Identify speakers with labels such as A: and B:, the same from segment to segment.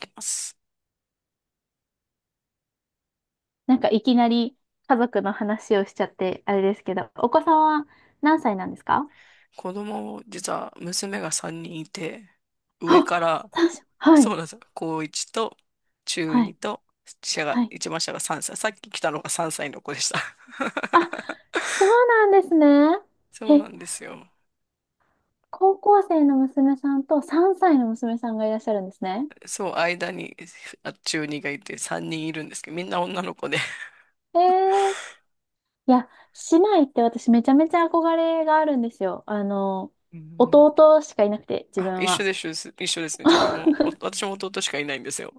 A: きます。
B: なんかいきなり家族の話をしちゃって、あれですけど、お子さんは何歳なんですか？
A: 子供を、実は娘が3人いて、上か
B: あ、
A: ら、
B: 三歳、 は
A: そ
B: い、
A: うなんですよ。高1と中
B: は
A: 2
B: い、
A: と、
B: はい。
A: 一番下が3歳。さっき来たのが3歳の子でした。
B: あ、そうなんですね。
A: そうな
B: え、
A: んですよ。
B: 高校生の娘さんと3歳の娘さんがいらっしゃるんですね。
A: そう、間に中2がいて3人いるんですけど、みんな女の子で。
B: えー、いや、姉妹って私めちゃめちゃ憧れがあるんですよ。
A: うんうん。
B: 弟しかいなくて、自
A: あ、
B: 分
A: 一緒
B: は。
A: です、一緒です。一緒ですね。自分も、私も弟しかいないんですよ。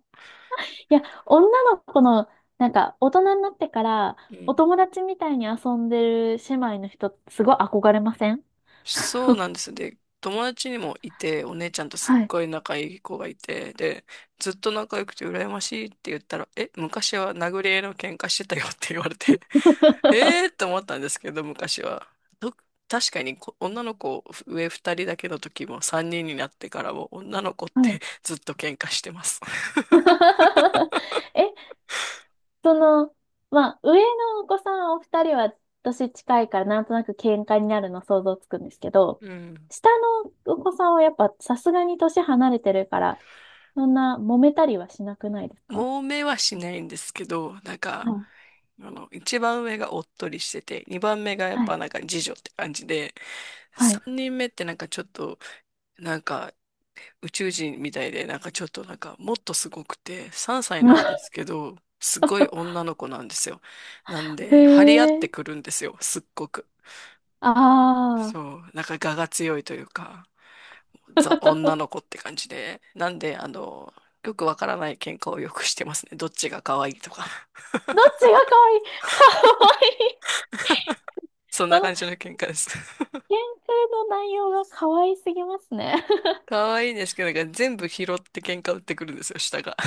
B: いや、女の子の、なんか、大人になってから、
A: う
B: お
A: ん。
B: 友達みたいに遊んでる姉妹の人、すごい憧れません？
A: そうなんです。で、友達にもいて、お姉ちゃんとすっ
B: はい。
A: ごい仲いい子がいて、で、ずっと仲良くて羨ましいって言ったら、え、昔は殴り合いの喧嘩してたよって言われて、えーっ て思ったんですけど、昔は。と、確かに女の子上二人だけの時も三人になってからも女の子っ
B: は
A: て
B: い。
A: ずっと喧嘩してます。
B: え、その、まあ、上のお子さんお二人は年近いからなんとなく喧嘩になるの想像つくんですけど、
A: うん。
B: 下のお子さんはやっぱさすがに年離れてるから、そんな揉めたりはしなくないです か？
A: 揉めはしないんですけど、なんか、
B: はい。
A: 一番上がおっとりしてて、二番目がやっ
B: はい。
A: ぱなんか次女って感じで、
B: はい。
A: 三人目ってなんかちょっと、なんか宇宙人みたいで、なんかちょっとなんかもっとすごくて、三歳なんです けど、すごい女の子なんですよ。なん
B: へ
A: で、張り合ってく
B: え。
A: るんですよ、すっごく。
B: あ
A: そ
B: あ。
A: う、なんか我が強いというか、ザ女の子って感じで、なんで、よくわからない喧嘩をよくしてますね。どっちが可愛いとか。
B: どっちが可愛い？ 可愛い、
A: そんな
B: その、
A: 感じの喧嘩です。
B: 研究の内容が可愛すぎますね。
A: 可愛いんですけど、なんか全部拾って喧嘩売ってくるんですよ、下が。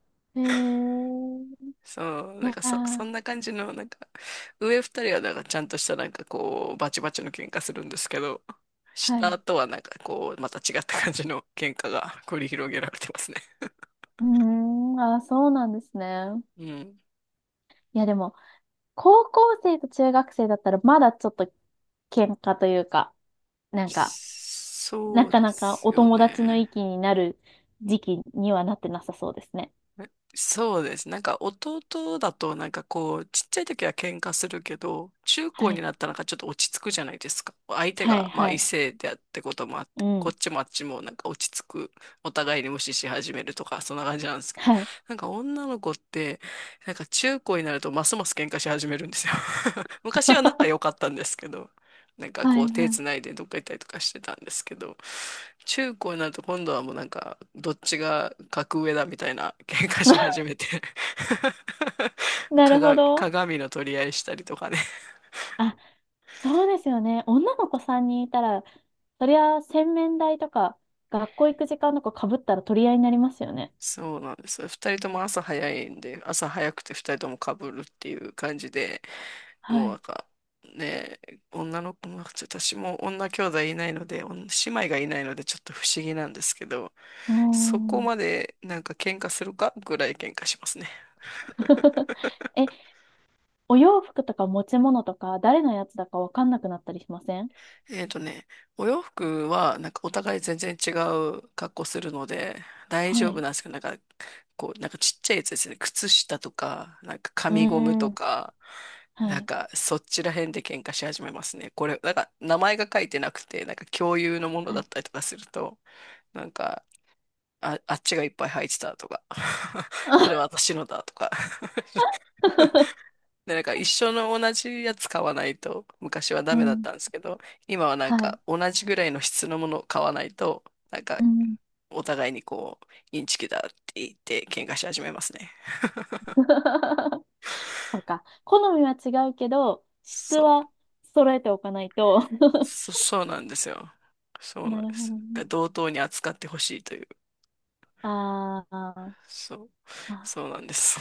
B: えー、
A: そう、
B: い
A: な
B: や
A: んかそ
B: ー、
A: んな感じの、なんか、上二人はなんかちゃんとしたなんかこう、バチバチの喧嘩するんですけど、
B: は
A: 下
B: い。
A: とはなんかこう、また違った感じの喧嘩が繰り広げられてますね。
B: うーん、あー、そうなんですね。
A: うん。
B: いや、でも、高校生と中学生だったら、まだちょっと喧嘩というか、なんか、な
A: そう
B: か
A: で
B: なか
A: す
B: お
A: よ
B: 友達の
A: ね。
B: 域になる時期にはなってなさそうですね。
A: そうです。なんか弟だとなんかこうちっちゃい時は喧嘩するけど中高
B: は
A: に
B: い。
A: なったらなんかちょっと落ち着くじゃないですか。相手
B: はい、
A: がまあ
B: は
A: 異
B: い。
A: 性であってこともあっ
B: う
A: てこっ
B: ん。
A: ちもあっちもなんか落ち着く。お互いに無視し始めるとかそんな感じなんですけど、
B: はい。
A: なんか女の子ってなんか中高になるとますます喧嘩し始めるんですよ。 昔は仲良か ったんですけど、なんか
B: は
A: こう
B: い、
A: 手
B: は
A: つ
B: い。
A: ないでどっか行ったりとかしてたんですけど、中高になると今度はもうなんかどっちが格上だみたいな喧嘩し始 めて、
B: なるほ
A: 鏡、
B: ど。
A: 鏡の取り合いしたりとかね。
B: あ、そうですよね。女の子さんに人いたら、そりゃ洗面台とか学校行く時間とか被ったら取り合いになりますよね。
A: そうなんですよ。二人とも朝早いんで、朝早くて二人とも被るっていう感じで、も
B: は
A: うなん
B: い。
A: か、ね、女の子も、ちょっと私も女兄弟いないので、姉妹がいないのでちょっと不思議なんですけど、
B: うー
A: そこ
B: ん。
A: までなんか喧嘩するかぐらい喧嘩しますね。
B: え、お洋服とか持ち物とか誰のやつだかわかんなくなったりしません？
A: えっとね、お洋服は、なんかお互い全然違う格好するので、大丈
B: は
A: 夫
B: い。
A: なんですけど、なんか、こう、なんかちっちゃいやつですね。靴下とか、なんか
B: う
A: 紙ゴム
B: ー
A: と
B: ん。
A: か、
B: は
A: なん
B: い。
A: かそっちら辺で喧嘩し始めますね。これ、なんか名前が書いてなくて、なんか共有のもの
B: は
A: だ
B: い。
A: ったりとかすると、なんか、あっちがいっぱい入ってたとか、これは私のだとか、 で、なんか一緒の同じやつ買わないと、昔はダ
B: う
A: メだっ
B: ん。
A: たんですけど、今はなん
B: は
A: か
B: い。
A: 同じぐらいの質のものを買わないと、なんか
B: うん。
A: お互いにこう、インチキだって言って喧嘩し始めますね。
B: そうか。好みは違うけど、質
A: そう。
B: は揃えておかないと。
A: そうなんですよ。そうなん
B: な
A: で
B: るほ
A: す。
B: ど
A: だか
B: ね。
A: ら同等に扱ってほしいという。
B: あーあ
A: そう。そう
B: ー。
A: なんです。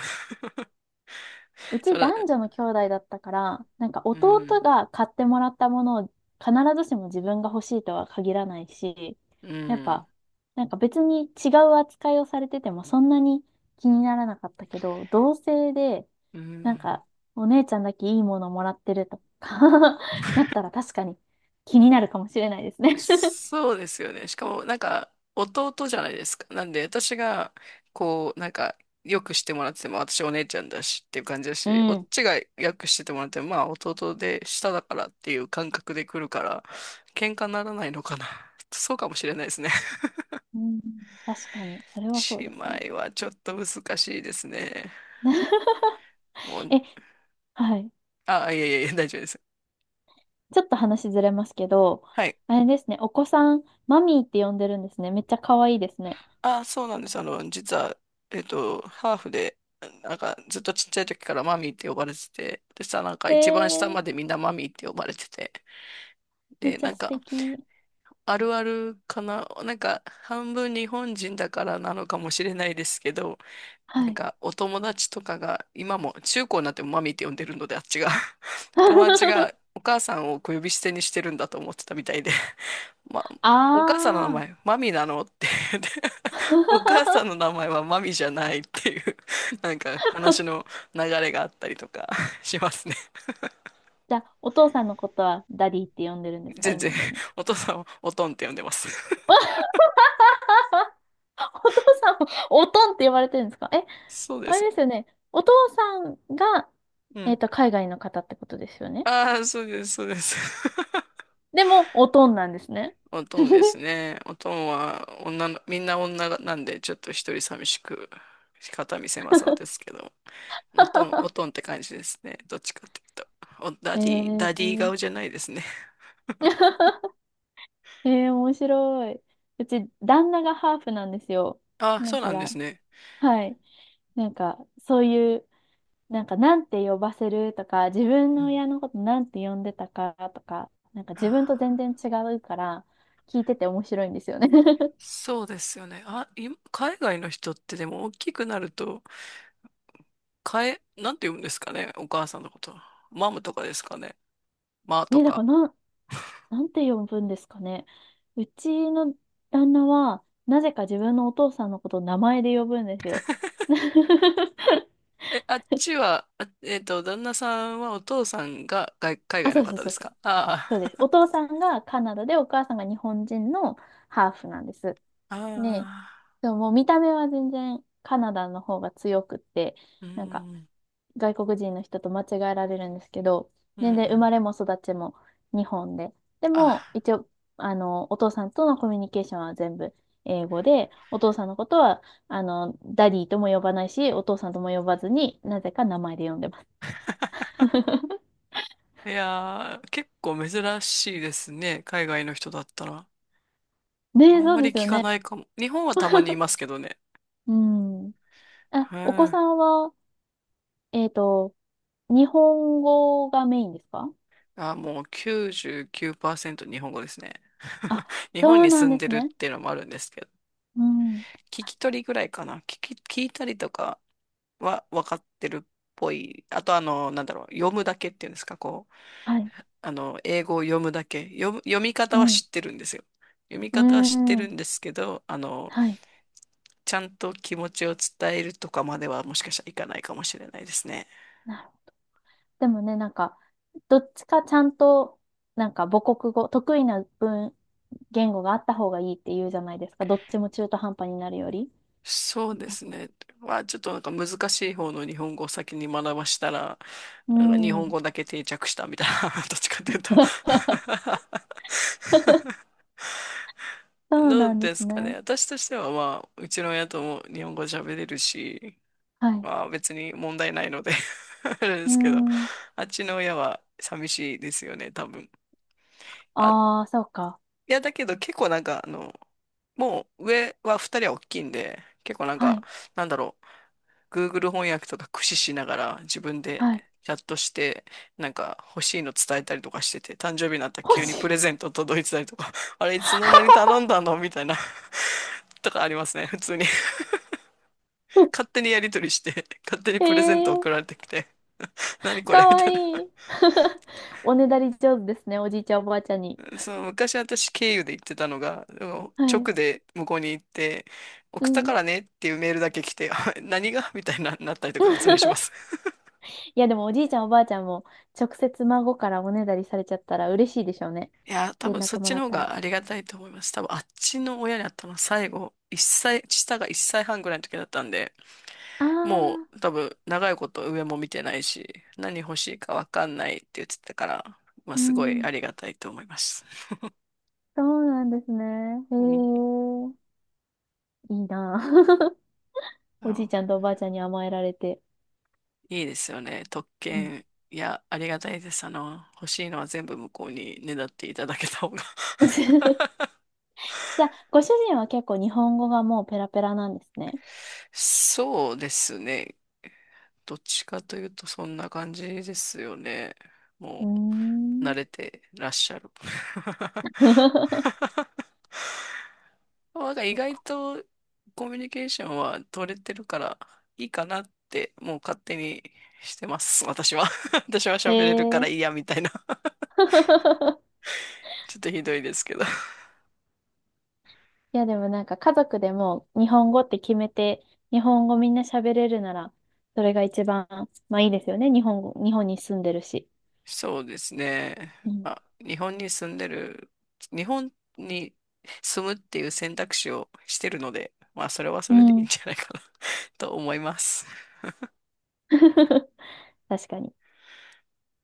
B: う
A: そ
B: ち
A: れ、
B: 男女の兄弟だったから、なんか
A: う
B: 弟
A: ん、
B: が買ってもらったものを必ずしも自分が欲しいとは限らないし、
A: う
B: やっ
A: ん、
B: ぱ、なんか別に違う扱いをされててもそんなに気にならなかったけど、同性で、
A: う
B: なん
A: ん。
B: かお姉ちゃんだけいいものもらってるとか なったら確かに気になるかもしれないですね。
A: そうですよね。しかも、なんか、弟じゃないですか。なんで、私が、こう、なんか、よくしてもらってても、私お姉ちゃんだしっていう感じだ
B: う
A: し、おっ
B: ん。
A: ちがよくしててもらっても、まあ、弟で下だからっていう感覚で来るから、喧嘩にならないのかな。そうかもしれないですね。
B: うん。確かに、それは そう
A: 姉
B: ですね。
A: 妹はちょっと難しいですね。もう、
B: え、はい。
A: あ、いやいやいや、大丈夫です。
B: ちょっと話ずれますけど、
A: はい。
B: あれですね、お子さん、マミーって呼んでるんですね。めっちゃ可愛いですね。
A: あ、そうなんです。あの、実は、ハーフで、なんかずっとちっちゃい時からマミーって呼ばれてて、でさ、なんか
B: え
A: 一番下まで
B: ー、
A: みんなマミーって呼ばれてて、
B: めっ
A: で、
B: ちゃ
A: なん
B: 素
A: か、
B: 敵。
A: あるあるかな、なんか、半分日本人だからなのかもしれないですけど、な
B: は
A: ん
B: い。
A: か、お友達とかが、今も、中高になってもマミーって呼んでるので、あっちが、友達が お母さんを小呼び捨てにしてるんだと思ってたみたいで、ま、お母さんの名
B: あ
A: 前、
B: ー。
A: マミなのってで、 お母さんの名 前はマミじゃないっていう、なんか話の流れがあったりとか、 しますね。
B: じゃあ、お父さんのことはダディって呼んでるんですか、
A: 全
B: い
A: 然、
B: まだに。
A: お父さんをおとんって呼んでます。
B: お父さんも、おとんって呼ばれてるんですか？え、
A: そうで
B: あれ
A: す。
B: ですよね。お父さんが、
A: うん。
B: 海外の方ってことですよね。
A: ああ、そうです、そうです。
B: でも、おとんなんですね。
A: おとんですね。おとんはみんな女なんで、ちょっと一人寂しく、肩見せまそうですけど、おとん、おとんっ て感じですね。どっちかっていうと。ダ
B: え
A: ディ、ダディ
B: ー。
A: 顔じゃないですね。
B: えー、面白い。うち、旦那がハーフなんですよ。
A: あ、
B: だ
A: そうな
B: か
A: んで
B: ら、
A: すね。
B: はい。なんか、そういう、なんか、なんて呼ばせるとか、自分
A: う
B: の
A: ん。
B: 親のことなんて呼んでたかとか、なんか
A: あ、
B: 自分と全然違うから、聞いてて面白いんですよね。
A: そうですよね。あ、海外の人ってでも大きくなると、なんて言うんですかね、お母さんのこと。マムとかですかね。マーと
B: ね、だから
A: か。
B: なん、なんて呼ぶんですかね。うちの旦那は、なぜか自分のお父さんのことを名前で呼ぶんですよ。
A: あっちは、旦那さんはお父さんが海
B: あ、
A: 外の
B: そうそう
A: 方で
B: そう
A: す
B: そう。
A: か
B: そ
A: あ
B: うです。お父さんがカナダで、お母さんが日本人のハーフなんです。
A: あ。あ
B: ね、
A: あ、
B: でももう見た目は全然カナダの方が強くって、
A: う
B: なんか
A: ん、
B: 外国人の人と間違えられるんですけど、
A: うん、う
B: 全然生
A: ん。
B: まれも育ちも日本で。でも、
A: あ、
B: 一応、お父さんとのコミュニケーションは全部英語で、お父さんのことは、ダディとも呼ばないし、お父さんとも呼ばずになぜか名前で呼んでます。
A: いやー、結構珍しいですね。海外の人だったら。あ
B: ねえ、
A: ん
B: そ
A: ま
B: うで
A: り
B: すよ
A: 聞かな
B: ね。
A: いかも。日本はたまにいますけどね。
B: うん。あ、
A: へ
B: お子
A: え。
B: さんは、えっと、日本語がメインですか？
A: あ、もう99%日本語ですね。
B: あ、
A: 日本
B: そう
A: に
B: なん
A: 住ん
B: で
A: で
B: す
A: るっ
B: ね。
A: ていうのもあるんですけど、
B: うん。
A: 聞き取りぐらいかな。聞いたりとかは分かってるっぽい。あと、あの、なんだろう、読むだけっていうんですか、こう、
B: はい。
A: 英語を読むだけ。読み
B: う
A: 方は
B: ん。
A: 知ってるんですよ。読み
B: うー
A: 方は知ってるん
B: ん。
A: ですけど、
B: はい。
A: ちゃんと気持ちを伝えるとかまではもしかしたらいかないかもしれないですね。
B: なるほど。でもね、なんか、どっちかちゃんと、なんか母国語、得意な文、言語があった方がいいって言うじゃないですか。どっちも中途半端になるより。
A: そうですね。まあちょっとなんか難しい方の日本語を先に学ばしたら、
B: う
A: なんか日本
B: ん。
A: 語だけ定着したみたいな、どっちかというと、
B: そう
A: ど
B: な
A: う
B: んで
A: で
B: す
A: すかね。
B: ね。
A: 私としては、まあ、うちの親とも日本語喋れるし、
B: はい。
A: まあ別に問題ないので、 あれで
B: うー
A: すけど、
B: ん。
A: あっちの親は寂しいですよね、多分。あ、い
B: ああ、そうか。
A: や、だけど結構なんか、もう上は二人は大きいんで、結構なん
B: は
A: か、
B: い。
A: なんだろう。Google 翻訳とか駆使しながら自分で
B: はい。
A: チャットして、なんか欲しいの伝えたりとかしてて、誕生日になったら
B: 欲
A: 急に
B: し
A: プ
B: い。
A: レゼント届いてたりとか、あれいつの間に頼んだのみたいな、 とかありますね、普通に。勝手にやり取りして、勝手にプレゼント送 られ
B: ええ、
A: てきて、何これ
B: か
A: み
B: わ
A: たいな。
B: いい。おねだり上手ですね、おじいちゃん、おばあちゃんに。
A: その昔私経由で言ってたのが、でも
B: はい。
A: 直で向こうに行って、
B: う
A: 送ったか
B: ん。
A: らねっていうメールだけ来て、あ何がみたいな、なったりとか普通にしま す。
B: いや、でもおじいちゃん、おばあちゃんも直接孫からおねだりされちゃったら嬉しいでしょうね。
A: いや、多
B: 連
A: 分そっ
B: 絡も
A: ち
B: ら
A: の
B: っ
A: 方
B: たら。
A: がありがたいと思います。多分あっちの親に会ったのは最後、下が1歳半ぐらいの時だったんで、
B: あ
A: も
B: あ、
A: う多分長いこと上も見てないし、何欲しいかわかんないって言ってたから、まあ
B: う
A: すごい
B: ん。
A: ありがたいと思います。
B: そうなんですね。へ
A: うん、
B: え、いいなあ。
A: あ
B: おじい
A: の
B: ちゃんとおばあちゃんに甘えられて。
A: いいですよね。特
B: うん。
A: 権。いや、ありがたいです。欲しいのは全部向こうにねだっていただけた方が、
B: じ ゃあ、ご主人は結構日本語がもうペラペラなんですね。
A: そうですね。どっちかというとそんな感じですよね。
B: うー
A: もう、慣
B: ん。
A: れてらっしゃる。なんか意
B: そう
A: 外
B: か。
A: とコミュニケーションは取れてるからいいかなってもう勝手にしてます。私は。私は
B: え
A: 喋れるからいい
B: え。
A: やみたいな。ちょっとひどいですけど。
B: いや、でもなんか家族でも日本語って決めて、日本語みんな喋れるなら、それが一番、まあいいですよね。日本語、日本に住んでるし。
A: そうですね。
B: うん。
A: まあ、日本に住むっていう選択肢をしてるので、まあ、それはそ
B: う
A: れでいいん
B: ん。
A: じゃないかな、 と思います。
B: 確かに。